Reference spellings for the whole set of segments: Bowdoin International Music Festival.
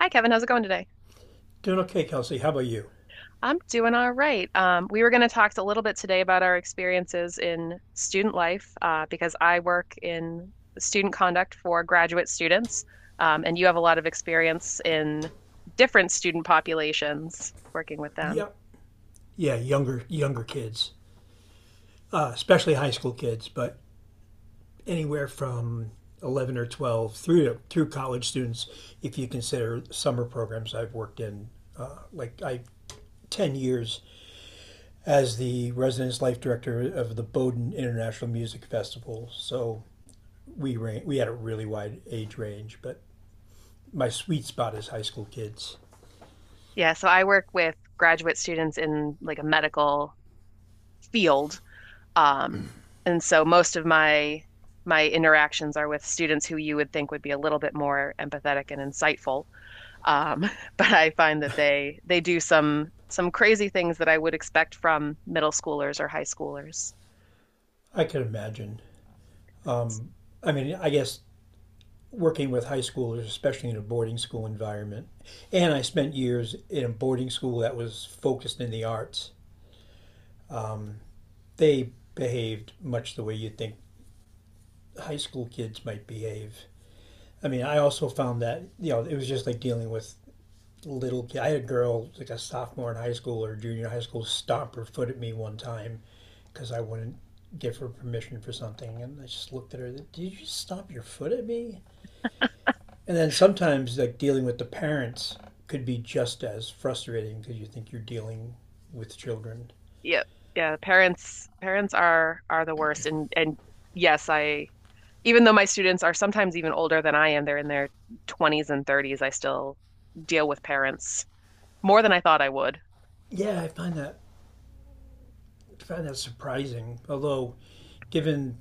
Hi, Kevin. How's it going today? Doing okay, Kelsey. How about you? I'm doing all right. We were going to talk a little bit today about our experiences in student life because I work in student conduct for graduate students, and you have a lot of experience in different student populations working with them. Yeah, yeah, younger kids, especially high school kids, but anywhere from 11 or 12 through college students, if you consider summer programs I've worked in, like I. 10 years as the residence life director of the Bowdoin International Music Festival. So we had a really wide age range, but my sweet spot is high school kids. Yeah, so I work with graduate students in like a medical field, um, and so most of my interactions are with students who you would think would be a little bit more empathetic and insightful. Um, but I find that they do some crazy things that I would expect from middle schoolers or high schoolers. I can imagine. I mean, I guess working with high schoolers, especially in a boarding school environment. And I spent years in a boarding school that was focused in the arts. Um, they behaved much the way you think high school kids might behave. I mean, I also found that, you know, it was just like dealing with little kids. I had a girl, like a sophomore in high school or junior high school, stomp her foot at me one time because I wouldn't give her permission for something. And I just looked at her, did you just stomp your foot at me? And then sometimes like dealing with the parents could be just as frustrating because you think you're dealing with children. Yep. Yeah, parents are the worst, and yes, I, even though my students are sometimes even older than I am, they're in their 20s and 30s, I still deal with parents more than I thought I would. Yeah, I find that surprising. Although, given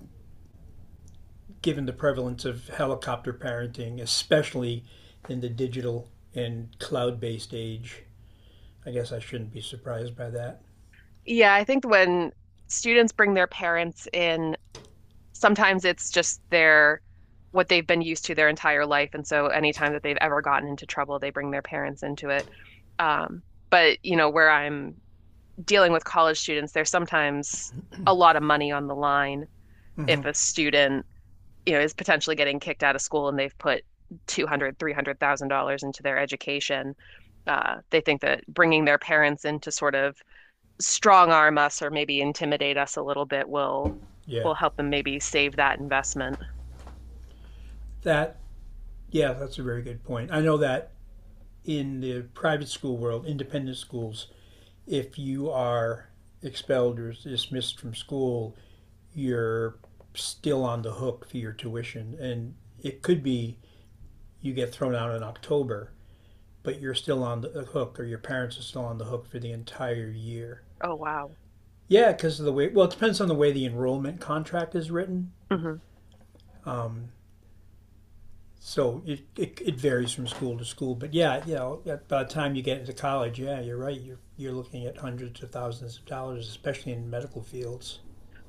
given the prevalence of helicopter parenting, especially in the digital and cloud-based age, I guess I shouldn't be surprised by that. Yeah, I think when students bring their parents in, sometimes it's just their, what they've been used to their entire life, and so anytime that they've ever gotten into trouble, they bring their parents into it. Um, but where I'm dealing with college students, there's sometimes a lot of money on the line Mm-hmm. if a student is potentially getting kicked out of school and they've put 200, $300,000 into their education. They think that bringing their parents in to sort of strong arm us or maybe intimidate us a little bit Yeah, will help them maybe save that investment. that yeah, that's a very good point. I know that in the private school world, independent schools, if you are expelled or dismissed from school, you're still on the hook for your tuition. And it could be you get thrown out in October, but you're still on the hook, or your parents are still on the hook for the entire year. Oh wow. Yeah, because of the way, well, it depends on the way the enrollment contract is written. hmm Um, So it varies from school to school, but yeah, you know, by the time you get into college, yeah, you're right. You're looking at hundreds of thousands of dollars, especially in medical fields.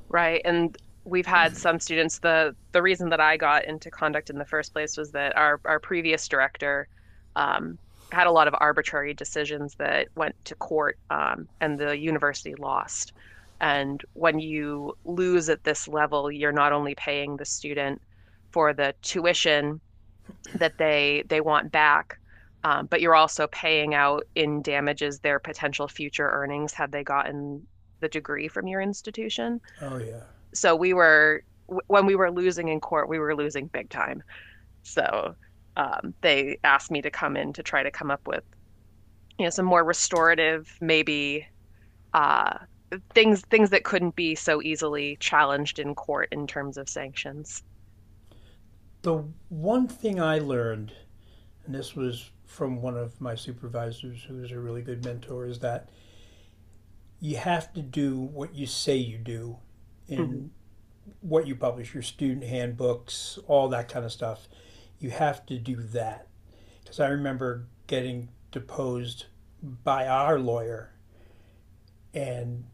Right. And we've had some students. The reason that I got into conduct in the first place was that our previous director um, had a lot of arbitrary decisions that went to court, and the university lost. And when you lose at this level, you're not only paying the student for the tuition that they want back, but you're also paying out in damages their potential future earnings had they gotten the degree from your institution. Oh yeah. So we were when we were losing in court, we were losing big time. So they asked me to come in to try to come up with some more restorative, maybe uh, things that couldn't be so easily challenged in court in terms of sanctions. The one thing I learned, and this was from one of my supervisors, who was a really good mentor, is that you have to do what you say you do, Mhm. in what you publish, your student handbooks, all that kind of stuff. You have to do that because I remember getting deposed by our lawyer, and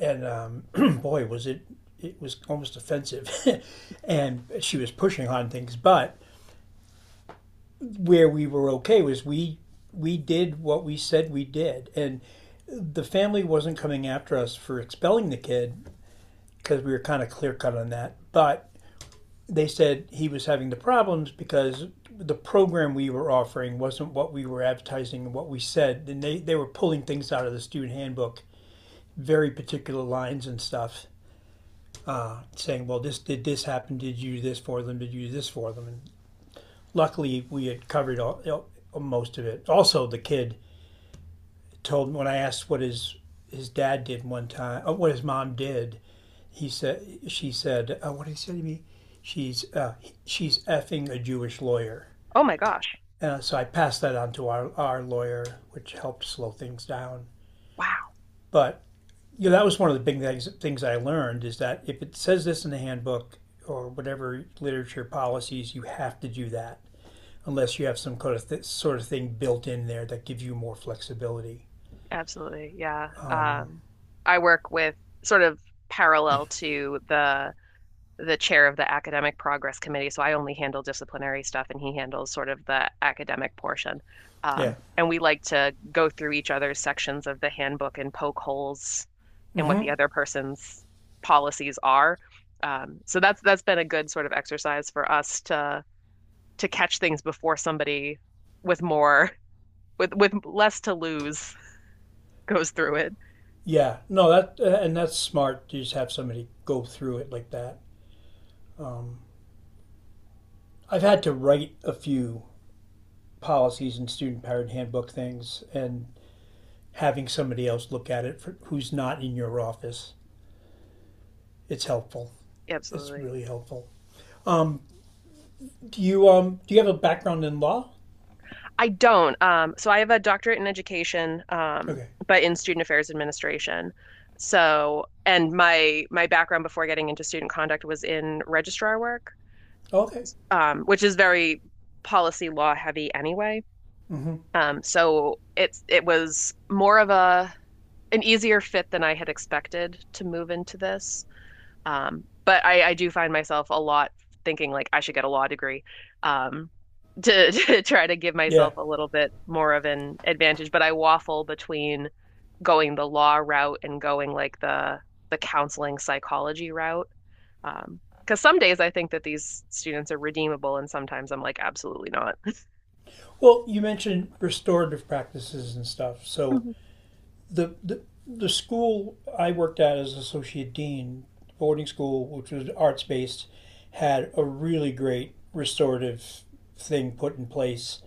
and um, boy, was it it was almost offensive, and she was pushing on things. But where we were okay was we did what we said we did, and the family wasn't coming after us for expelling the kid because we were kind of clear cut on that, but they said he was having the problems because the program we were offering wasn't what we were advertising and what we said. And they were pulling things out of the student handbook, very particular lines and stuff, saying, well, this did this happen? Did you do this for them? Did you do this for them? And luckily, we had covered all, you know, most of it. Also, the kid told me when I asked what his dad did one time, what his mom did, he said, she said, what did he say to me? She's uh, she's effing a Jewish lawyer. Oh my gosh. So I passed that on to our lawyer, which helped slow things down. Wow. But you know, that was one of the big things, things I learned is that if it says this in the handbook or whatever literature policies, you have to do that unless you have some kind of sort of thing built in there that gives you more flexibility. Absolutely. Yeah. I work with sort of parallel to the chair of the academic progress committee, so I only handle disciplinary stuff and he handles sort of the academic portion. Yeah. And we like to go through each other's sections of the handbook and poke holes in what the Mm-hmm. other person's policies are. So that's been a good sort of exercise for us to catch things before somebody with more, with less to lose, goes through it. Yeah. No, that and that's smart to just have somebody go through it like that. Um, I've had to write a few policies and student powered handbook things, and having somebody else look at it for, who's not in your office. It's helpful. It's Absolutely. really helpful. Um, do you do you have a background in law? I don't. So I have a doctorate in education, Okay. but in student affairs administration. So, and my background before getting into student conduct was in registrar work, Okay. Which is very policy law heavy anyway. Mm-hmm. It was more of a, an easier fit than I had expected to move into this. But I do find myself a lot thinking like I should get a law degree, um, to to try to give Yeah. myself a little bit more of an advantage. But I waffle between going the law route and going like the counseling psychology route. Um, because some days I think that these students are redeemable, and sometimes I'm like, absolutely not. Well, you mentioned restorative practices and stuff. So hmm the school I worked at as associate dean, boarding school, which was arts based, had a really great restorative thing put in place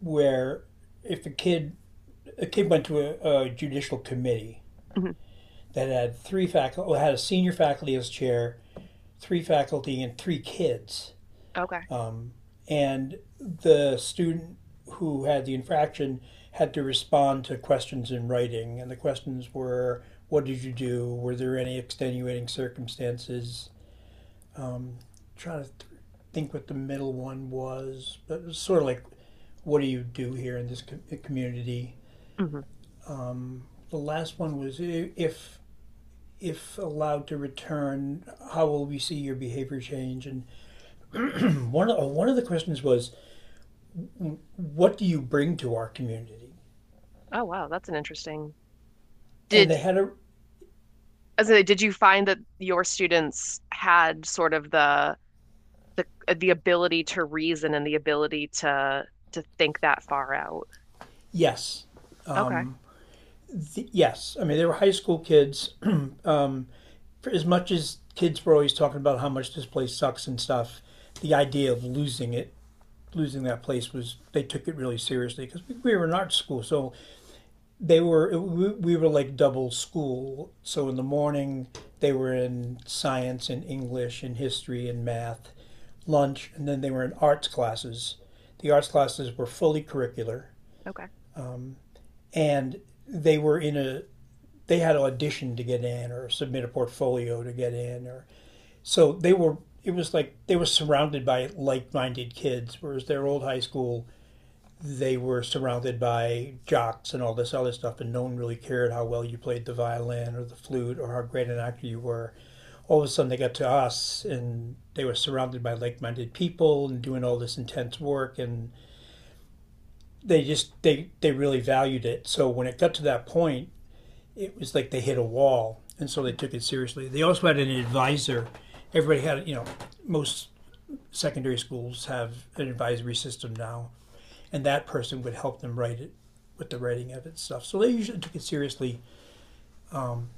where if a kid went to a judicial committee hmm that had three faculty, had a senior faculty as chair, three faculty, and three kids. Okay. Um, and the student who had the infraction had to respond to questions in writing, and the questions were, "What did you do? Were there any extenuating circumstances?" Um, trying to th- think what the middle one was, but it was sort of like, "What do you do here in this community?" hmm The last one was if if allowed to return, how will we see your behavior change? And one of the questions was, what do you bring to our community? Oh, wow, that's an interesting. And Did, they had a as in, did you find that your students had sort of the the ability to reason and the ability to think that far out. yes, Okay. Yes. I mean, they were high school kids. um, for as much as kids were always talking about how much this place sucks and stuff, the idea of losing that place was they took it really seriously because we were an art school, so they were we were like double school, so in the morning they were in science and english and history and math, lunch, and then they were in arts classes. The arts classes were fully curricular, Okay. and they were in a they had to audition to get in or submit a portfolio to get in. Or so they were It was like they were surrounded by like-minded kids, whereas their old high school they were surrounded by jocks and all this other stuff, and no one really cared how well you played the violin or the flute or how great an actor you were. All of a sudden, they got to us, and they were surrounded by like-minded people and doing all this intense work, and they just they really valued it. So when it got to that point, it was like they hit a wall, and so they took it seriously. They also had an advisor. Everybody had, you know, most secondary schools have an advisory system now, and that person would help them write it with the writing of it and stuff. So they usually took it seriously,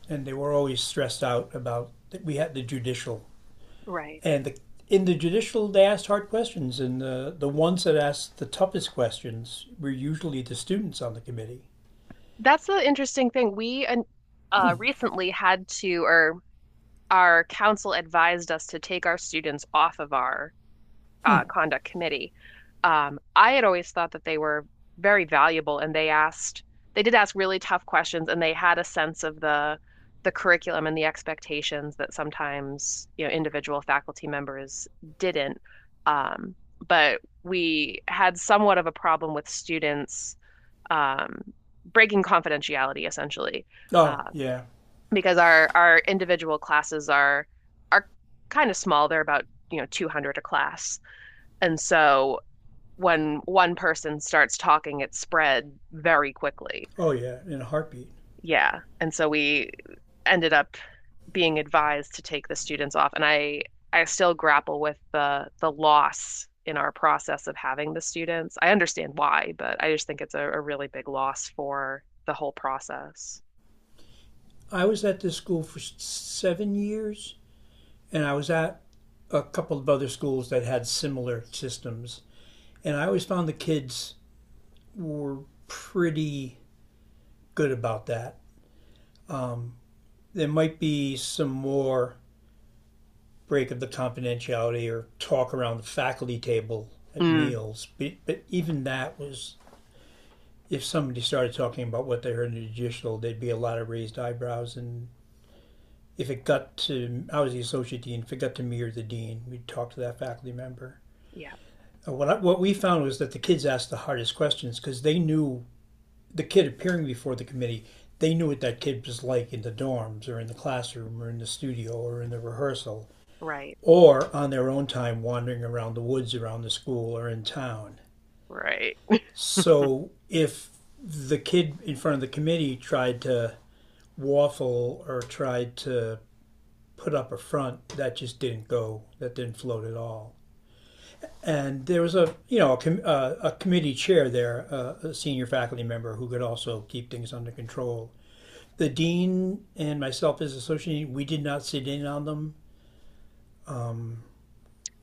and they were always stressed out about that. We had the judicial, Right. and the in the judicial they asked hard questions, and the ones that asked the toughest questions were usually the students on the committee. That's the interesting thing. We recently had to, or our council advised us to take our students off of our conduct committee. I had always thought that they were very valuable, and they asked, they did ask really tough questions, and they had a sense of the curriculum and the expectations that sometimes, you know, individual faculty members didn't. Um, but we had somewhat of a problem with students um, breaking confidentiality essentially, Oh uh, yeah, because our individual classes are kind of small. They're about, you know, 200 a class, and so when one person starts talking, it spread very quickly. oh yeah, in a heartbeat. Yeah. And so we ended up being advised to take the students off. And I still grapple with the loss in our process of having the students. I understand why, but I just think it's a really big loss for the whole process. I was at this school for seven years, and I was at a couple of other schools that had similar systems, and I always found the kids were pretty good about that. Um, there might be some more break of the confidentiality or talk around the faculty table at Mm. meals, but even that was if somebody started talking about what they heard in the judicial, there'd be a lot of raised eyebrows. And if it got to, I was the associate dean, if it got to me or the dean, we'd talk to that faculty member. Yeah, What we found was that the kids asked the hardest questions because they knew the kid appearing before the committee, they knew what that kid was like in the dorms or in the classroom or in the studio or in the rehearsal right, or on their own time wandering around the woods around the school or in town. right. So if the kid in front of the committee tried to waffle or tried to put up a front, that just didn't go, that didn't float at all. And there was a, you know, a committee chair there, a senior faculty member who could also keep things under control. The dean and myself as associate dean, we did not sit in on them.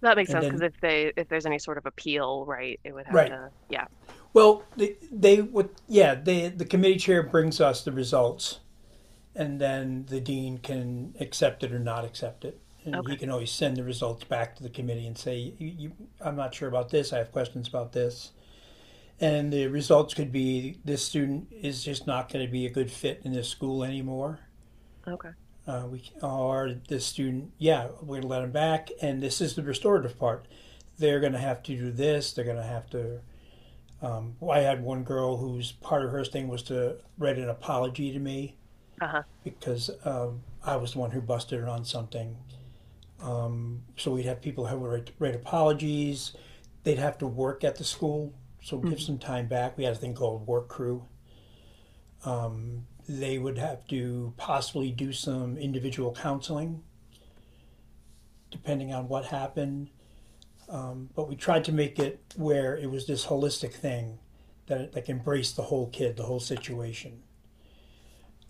That makes And sense, because then, if they, if there's any sort of appeal, right, it would have right. to, yeah. Well, the committee chair brings us the results, and then the dean can accept it or not accept it. And he Okay, can always send the results back to the committee and say, I'm not sure about this. I have questions about this. And the results could be this student is just not going to be a good fit in this school anymore, okay. We are the student, yeah, we're gonna let them back, and this is the restorative part. They're gonna have to do this. They're gonna have to. I had one girl whose part of her thing was to write an apology to me Uh-huh. because I was the one who busted her on something. So we'd have people who would write apologies. They'd have to work at the school, so give Mhm. some time back. We had a thing called work crew. They would have to possibly do some individual counseling depending on what happened, but we tried to make it where it was this holistic thing that like embraced the whole kid, the whole situation.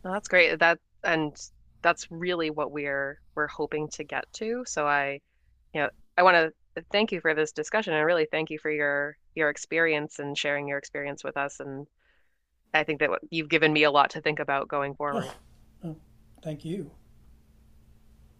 Well, that's great. That, and that's really what we're hoping to get to. So I, you know, I want to thank you for this discussion and really thank you for your experience and sharing your experience with us. And I think that what- you've given me a lot to think about going Oh, forward. thank you.